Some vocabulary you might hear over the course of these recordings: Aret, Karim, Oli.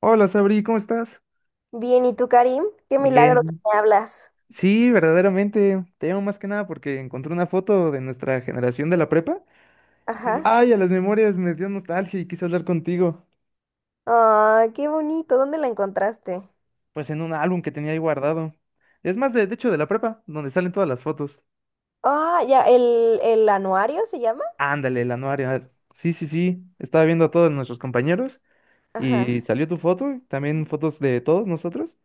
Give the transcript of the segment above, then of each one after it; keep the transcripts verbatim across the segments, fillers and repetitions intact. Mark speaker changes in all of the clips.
Speaker 1: Hola Sabri, ¿cómo estás?
Speaker 2: Bien, ¿y tú, Karim? Qué milagro que
Speaker 1: Bien.
Speaker 2: me hablas.
Speaker 1: Sí, verdaderamente. Te llamo más que nada porque encontré una foto de nuestra generación de la prepa. Y
Speaker 2: Ajá.
Speaker 1: ay, a las memorias me dio nostalgia y quise hablar contigo.
Speaker 2: Ay, qué bonito. ¿Dónde la encontraste?
Speaker 1: Pues en un álbum que tenía ahí guardado. Es más, de, de hecho, de la prepa, donde salen todas las fotos.
Speaker 2: Ah, ya, el, el anuario se llama.
Speaker 1: Ándale, el anuario. Sí, sí, sí. Estaba viendo a todos nuestros compañeros y
Speaker 2: Ajá,
Speaker 1: salió tu foto, también fotos de todos nosotros.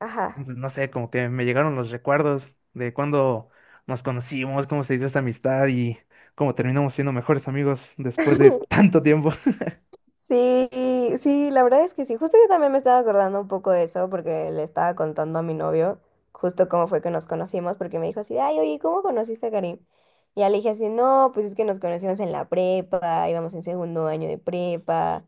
Speaker 2: ajá.
Speaker 1: Entonces, no sé, como que me llegaron los recuerdos de cuando nos conocimos, cómo se dio esta amistad y cómo terminamos siendo mejores amigos después de tanto tiempo.
Speaker 2: Sí, sí, la verdad es que sí. Justo yo también me estaba acordando un poco de eso porque le estaba contando a mi novio justo cómo fue que nos conocimos porque me dijo así, ay, oye, ¿cómo conociste a Karim? Y ya le dije así, no, pues es que nos conocimos en la prepa, íbamos en segundo año de prepa,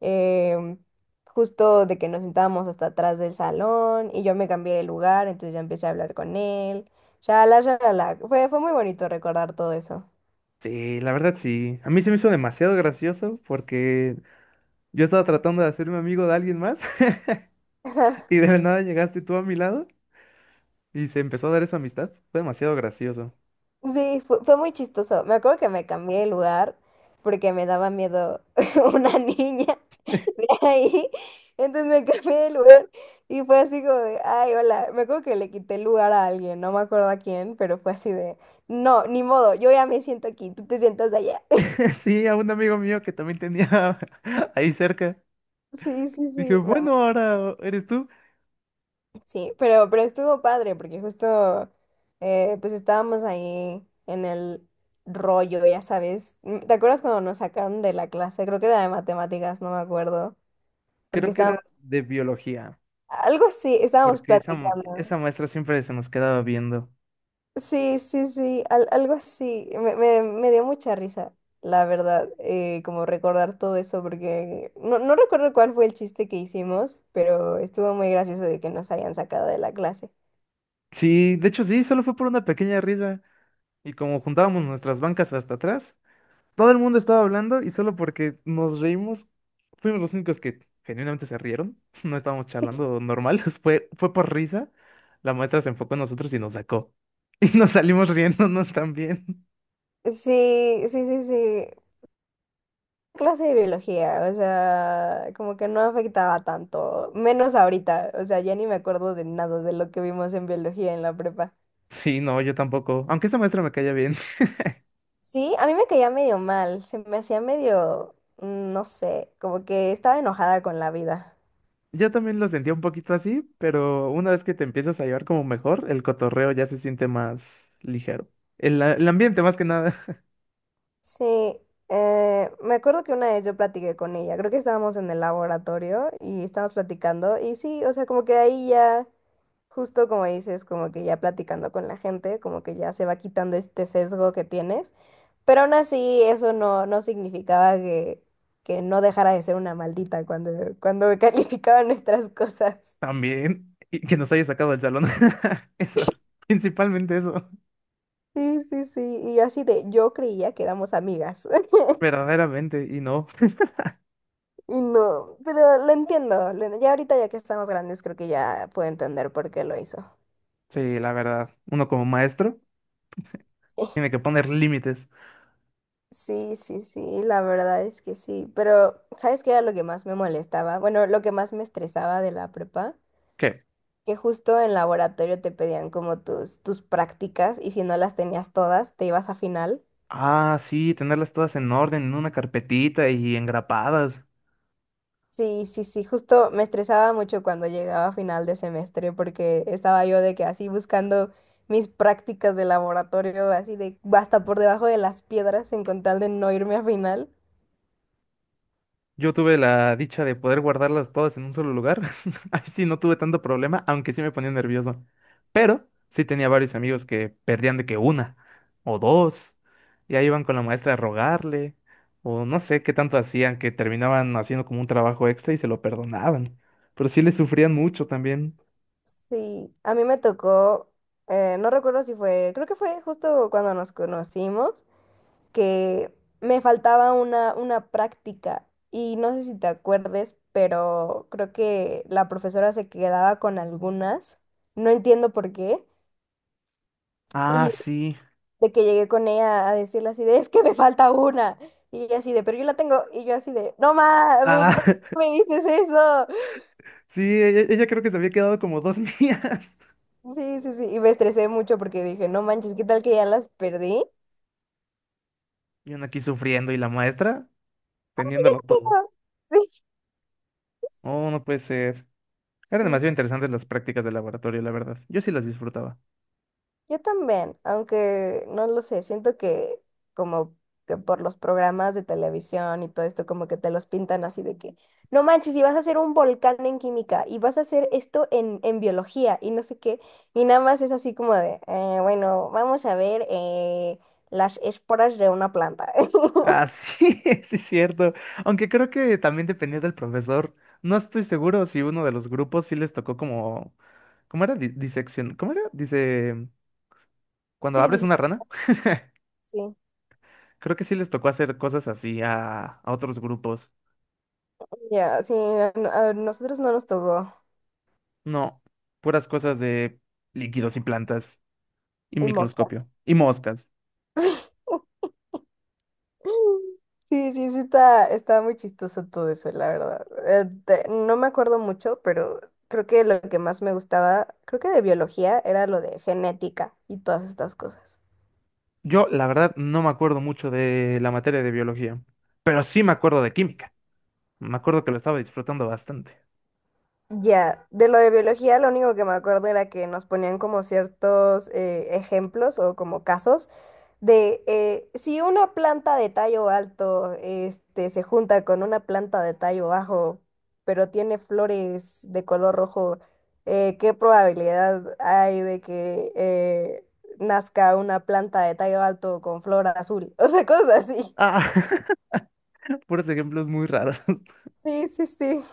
Speaker 2: em, justo de que nos sentábamos hasta atrás del salón y yo me cambié de lugar, entonces ya empecé a hablar con él. ya, la, Fue, fue muy bonito recordar todo eso.
Speaker 1: Sí, la verdad sí. A mí se me hizo demasiado gracioso porque yo estaba tratando de hacerme amigo de alguien más y de la nada llegaste tú a mi lado y se empezó a dar esa amistad. Fue demasiado gracioso.
Speaker 2: Sí, fue, fue muy chistoso. Me acuerdo que me cambié de lugar porque me daba miedo una niña de ahí. Entonces me cambié de lugar y fue así como de, ay, hola. Me acuerdo que le quité el lugar a alguien, no me acuerdo a quién, pero fue así de, no, ni modo, yo ya me siento aquí, tú te sientas allá.
Speaker 1: Sí, a un amigo mío que también tenía ahí cerca.
Speaker 2: Sí, sí, sí.
Speaker 1: Dije,
Speaker 2: me,
Speaker 1: bueno, ahora eres tú.
Speaker 2: Sí, pero, pero estuvo padre porque justo eh, pues estábamos ahí en el rollo, ya sabes. Mm, ¿Te acuerdas cuando nos sacaron de la clase? Creo que era de matemáticas, no me acuerdo. Porque
Speaker 1: Creo que era
Speaker 2: estábamos,
Speaker 1: de biología.
Speaker 2: algo así, estábamos
Speaker 1: Porque esa, mu-
Speaker 2: platicando.
Speaker 1: esa maestra siempre se nos quedaba viendo.
Speaker 2: Sí, sí, sí, al- algo así. Me, me- me dio mucha risa, la verdad, eh, como recordar todo eso porque no, no recuerdo cuál fue el chiste que hicimos, pero estuvo muy gracioso de que nos hayan sacado de la clase.
Speaker 1: Sí, de hecho sí, solo fue por una pequeña risa. Y como juntábamos nuestras bancas hasta atrás, todo el mundo estaba hablando y solo porque nos reímos, fuimos los únicos que genuinamente se rieron. No estábamos charlando normal, fue, fue por risa. La maestra se enfocó en nosotros y nos sacó. Y nos salimos riéndonos también.
Speaker 2: Sí, sí, sí, sí. Clase de biología, o sea, como que no afectaba tanto, menos ahorita, o sea, ya ni me acuerdo de nada de lo que vimos en biología en la prepa.
Speaker 1: Sí, no, yo tampoco. Aunque esa maestra me caía bien.
Speaker 2: Sí, a mí me caía medio mal, se me hacía medio, mm, no sé, como que estaba enojada con la vida.
Speaker 1: Yo también lo sentía un poquito así, pero una vez que te empiezas a llevar como mejor, el cotorreo ya se siente más ligero. El, a- el ambiente más que nada
Speaker 2: Sí, eh, me acuerdo que una vez yo platiqué con ella, creo que estábamos en el laboratorio y estábamos platicando y sí, o sea, como que ahí ya... Justo como dices, como que ya platicando con la gente, como que ya se va quitando este sesgo que tienes, pero aún así eso no, no significaba que, que, no dejara de ser una maldita cuando, cuando calificaban nuestras cosas.
Speaker 1: también, y que nos haya sacado del salón. Eso, principalmente eso,
Speaker 2: Sí, sí, sí, y yo así de, yo creía que éramos amigas,
Speaker 1: verdaderamente, y no.
Speaker 2: y no, pero lo entiendo, lo- ya ahorita ya que estamos grandes creo que ya puedo entender por qué lo hizo.
Speaker 1: Sí, la verdad, uno como maestro tiene que poner límites.
Speaker 2: Sí, sí, sí, la verdad es que sí, pero ¿sabes qué era lo que más me molestaba? Bueno, lo que más me estresaba de la prepa.
Speaker 1: ¿Qué?
Speaker 2: Que justo en laboratorio te pedían como tus, tus prácticas y si no las tenías todas, te ibas a final.
Speaker 1: Ah, sí, tenerlas todas en orden, en una carpetita y engrapadas.
Speaker 2: Sí, sí, sí, justo me estresaba mucho cuando llegaba a final de semestre porque estaba yo de que así buscando mis prácticas de laboratorio, así de hasta por debajo de las piedras en con tal de no irme a final.
Speaker 1: Yo tuve la dicha de poder guardarlas todas en un solo lugar. Ahí sí no tuve tanto problema, aunque sí me ponía nervioso. Pero sí tenía varios amigos que perdían de que una o dos. Y ahí iban con la maestra a rogarle. O no sé qué tanto hacían, que terminaban haciendo como un trabajo extra y se lo perdonaban. Pero sí le sufrían mucho también.
Speaker 2: Sí, a mí me tocó, eh, no recuerdo si fue, creo que fue justo cuando nos conocimos. Que me faltaba una, una práctica y no sé si te acuerdes, pero creo que la profesora se quedaba con algunas, no entiendo por qué,
Speaker 1: Ah,
Speaker 2: y
Speaker 1: sí.
Speaker 2: de que llegué con ella a decirle así de, es que me falta una, y ella así de, pero yo la tengo, y yo así de, no más,
Speaker 1: Ah,
Speaker 2: ¿por qué me dices eso?
Speaker 1: sí, ella, ella creo que se había quedado como dos mías.
Speaker 2: Sí, sí, sí, y me estresé mucho porque dije, no manches, ¿qué tal que ya las perdí?
Speaker 1: Y uno aquí sufriendo y la maestra teniéndolo todo.
Speaker 2: Sí,
Speaker 1: Oh, no puede ser. Eran
Speaker 2: sí.
Speaker 1: demasiado interesantes las prácticas de laboratorio, la verdad. Yo sí las disfrutaba.
Speaker 2: Yo también, aunque no lo sé, siento que como que por los programas de televisión y todo esto, como que te los pintan así de que, no manches, y vas a hacer un volcán en química, y vas a hacer esto en, en biología, y no sé qué, y nada más es así como de, "Eh, bueno, vamos a ver eh, las esporas de una planta.
Speaker 1: Ah, sí, sí es cierto. Aunque creo que también dependía del profesor. No estoy seguro si uno de los grupos sí les tocó como... ¿Cómo era? Di- disección. ¿Cómo era? Dice... Cuando
Speaker 2: Sí,
Speaker 1: abres
Speaker 2: dice,
Speaker 1: una rana.
Speaker 2: sí,
Speaker 1: Creo que sí les tocó hacer cosas así a, a otros grupos.
Speaker 2: ya, sí, a, a nosotros no nos tocó,
Speaker 1: No. Puras cosas de líquidos y plantas. Y
Speaker 2: y moscas.
Speaker 1: microscopio. Y moscas.
Speaker 2: Sí, sí, sí, está, está muy chistoso todo eso, la verdad. Eh, te- no me acuerdo mucho, pero creo que lo que más me gustaba, creo que de biología, era lo de genética y todas estas cosas.
Speaker 1: Yo, la verdad, no me acuerdo mucho de la materia de biología. Pero sí me acuerdo de química. Me acuerdo que lo estaba disfrutando bastante.
Speaker 2: Ya, de lo de biología, lo único que me acuerdo era que nos ponían como ciertos eh, ejemplos o como casos de eh, si una planta de tallo alto este, se junta con una planta de tallo bajo, pero tiene flores de color rojo, eh, ¿qué probabilidad hay de que eh, nazca una planta de tallo alto con flor azul? O sea, cosas así.
Speaker 1: Ah, puros ejemplos muy raros.
Speaker 2: Sí, sí, sí.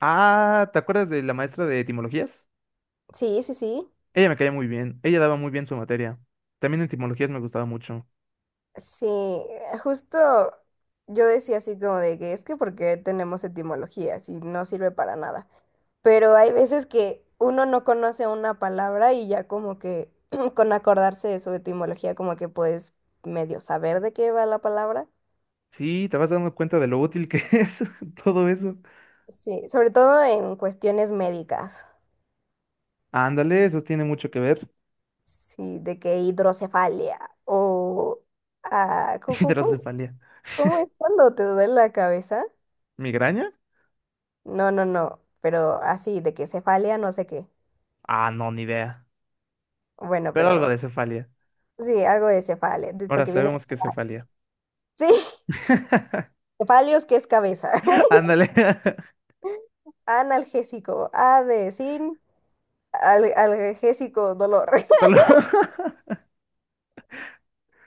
Speaker 1: Ah, ¿te acuerdas de la maestra de etimologías?
Speaker 2: Sí, sí, sí.
Speaker 1: Ella me caía muy bien, ella daba muy bien su materia. También etimologías me gustaba mucho.
Speaker 2: Sí, eh, justo yo decía así como de que es que porque tenemos etimología, si no sirve para nada. Pero hay veces que uno no conoce una palabra y ya como que con acordarse de su etimología como que puedes medio saber de qué va la palabra.
Speaker 1: Sí, te vas dando cuenta de lo útil que es todo eso.
Speaker 2: Sí, sobre todo en cuestiones médicas,
Speaker 1: Ándale, eso tiene mucho que ver.
Speaker 2: sí, de que hidrocefalia o ah, cu- cu- cu-
Speaker 1: Hidrocefalia.
Speaker 2: ¿cómo es cuando te duele la cabeza?
Speaker 1: ¿Migraña?
Speaker 2: No, no, no, pero así, de que cefalia no sé qué.
Speaker 1: Ah, no, ni idea.
Speaker 2: Bueno,
Speaker 1: Pero algo
Speaker 2: pero
Speaker 1: de cefalia.
Speaker 2: sí, algo de cefale, de-
Speaker 1: Ahora
Speaker 2: porque viene,
Speaker 1: sabemos que es cefalia.
Speaker 2: sí, cefalios, que es cabeza.
Speaker 1: Ándale.
Speaker 2: Analgésico, A de sin, al- analgésico, dolor.
Speaker 1: Dolor.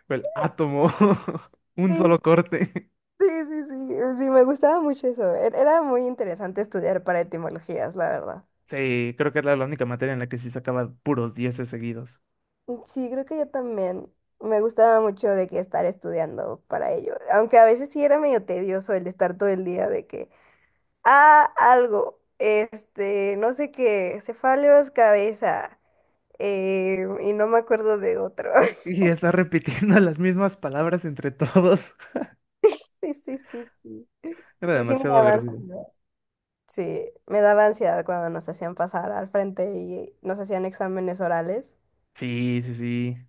Speaker 1: El átomo. Un
Speaker 2: Sí,
Speaker 1: solo corte.
Speaker 2: sí, sí, sí, sí, me gustaba mucho eso. Er- Era muy interesante estudiar para etimologías, la verdad.
Speaker 1: Sí, creo que era la única materia en la que sí sacaba puros dieces seguidos.
Speaker 2: Sí, creo que yo también. Me gustaba mucho de que estar estudiando para ello. Aunque a veces sí era medio tedioso el estar todo el día de que, ah, algo, este, no sé qué, cefaleos, cabeza. Eh, y no me acuerdo de otro.
Speaker 1: Y está repitiendo las mismas palabras entre todos.
Speaker 2: Sí, sí, sí, sí.
Speaker 1: Era
Speaker 2: Sí, sí me
Speaker 1: demasiado
Speaker 2: daba
Speaker 1: agresivo.
Speaker 2: ansiedad. Sí, me daba ansiedad cuando nos hacían pasar al frente y nos hacían exámenes orales.
Speaker 1: Sí, sí, sí.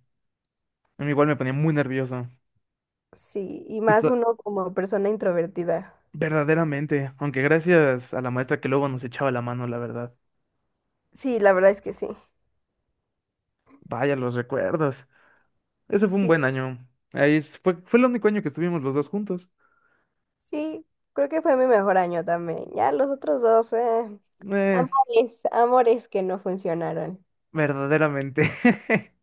Speaker 1: A mí igual me ponía muy nervioso.
Speaker 2: Sí, y
Speaker 1: Y
Speaker 2: más
Speaker 1: to-
Speaker 2: uno como persona introvertida.
Speaker 1: Verdaderamente, aunque gracias a la maestra que luego nos echaba la mano, la verdad.
Speaker 2: Sí, la verdad es que sí.
Speaker 1: Vaya los recuerdos. Ese fue un
Speaker 2: Sí,
Speaker 1: buen año. Ahí es- fue, fue el único año que estuvimos los dos juntos.
Speaker 2: sí, creo que fue mi mejor año también. Ya los otros dos, eh,
Speaker 1: Eh,
Speaker 2: amores, amores que no funcionaron.
Speaker 1: verdaderamente.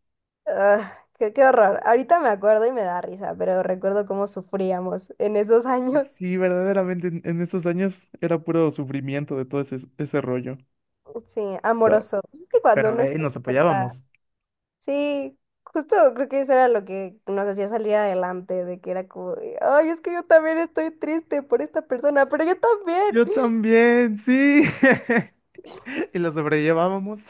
Speaker 2: Ah, qué, qué horror. Ahorita me acuerdo y me da risa, pero recuerdo cómo sufríamos en esos años.
Speaker 1: Sí, verdaderamente en en esos años era puro sufrimiento de todo ese, ese rollo.
Speaker 2: Sí, amoroso. Pues es que cuando
Speaker 1: Pero
Speaker 2: uno está
Speaker 1: ahí
Speaker 2: en
Speaker 1: nos
Speaker 2: prepa,
Speaker 1: apoyábamos.
Speaker 2: sí, justo creo que eso era lo que nos hacía salir adelante, de que era como de, ay, es que yo también estoy triste por esta persona, pero yo también.
Speaker 1: Yo también, sí. Y lo sobrellevábamos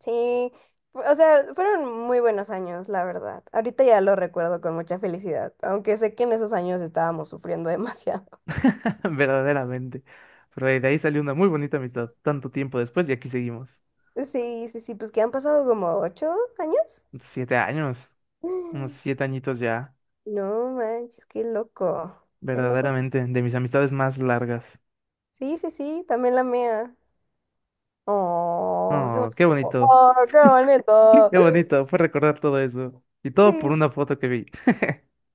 Speaker 2: Sí, fu- o sea, fueron muy buenos años, la verdad. Ahorita ya lo recuerdo con mucha felicidad, aunque sé que en esos años estábamos sufriendo demasiado.
Speaker 1: verdaderamente. Pero de ahí salió una muy bonita amistad tanto tiempo después y aquí seguimos.
Speaker 2: Sí, sí, sí, pues que han pasado como ocho años.
Speaker 1: Siete años, unos siete añitos ya,
Speaker 2: No manches, qué loco, qué loco.
Speaker 1: verdaderamente, de mis amistades más largas.
Speaker 2: Sí, sí, sí, también la mía. Oh, qué
Speaker 1: No, qué
Speaker 2: bonito.
Speaker 1: bonito,
Speaker 2: Oh, qué bonito.
Speaker 1: qué bonito, fue recordar todo eso. Y todo por
Speaker 2: Sí,
Speaker 1: una foto que vi.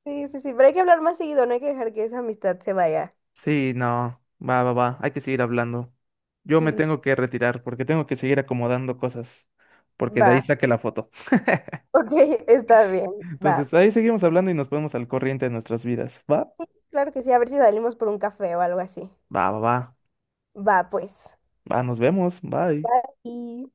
Speaker 2: sí, sí, sí. Pero hay que hablar más seguido, no hay que dejar que esa amistad se vaya.
Speaker 1: Sí, no, va, va, va, hay que seguir hablando. Yo me
Speaker 2: Sí, sí,
Speaker 1: tengo que retirar porque tengo que seguir acomodando cosas, porque de ahí
Speaker 2: va.
Speaker 1: saqué la foto.
Speaker 2: Ok, está bien. Va.
Speaker 1: Entonces, ahí seguimos hablando y nos ponemos al corriente de nuestras vidas. ¿Va?
Speaker 2: Sí, claro que sí. A ver si salimos por un café o algo así.
Speaker 1: Va, va, va.
Speaker 2: Va, pues.
Speaker 1: Va, nos vemos. Bye.
Speaker 2: Bye.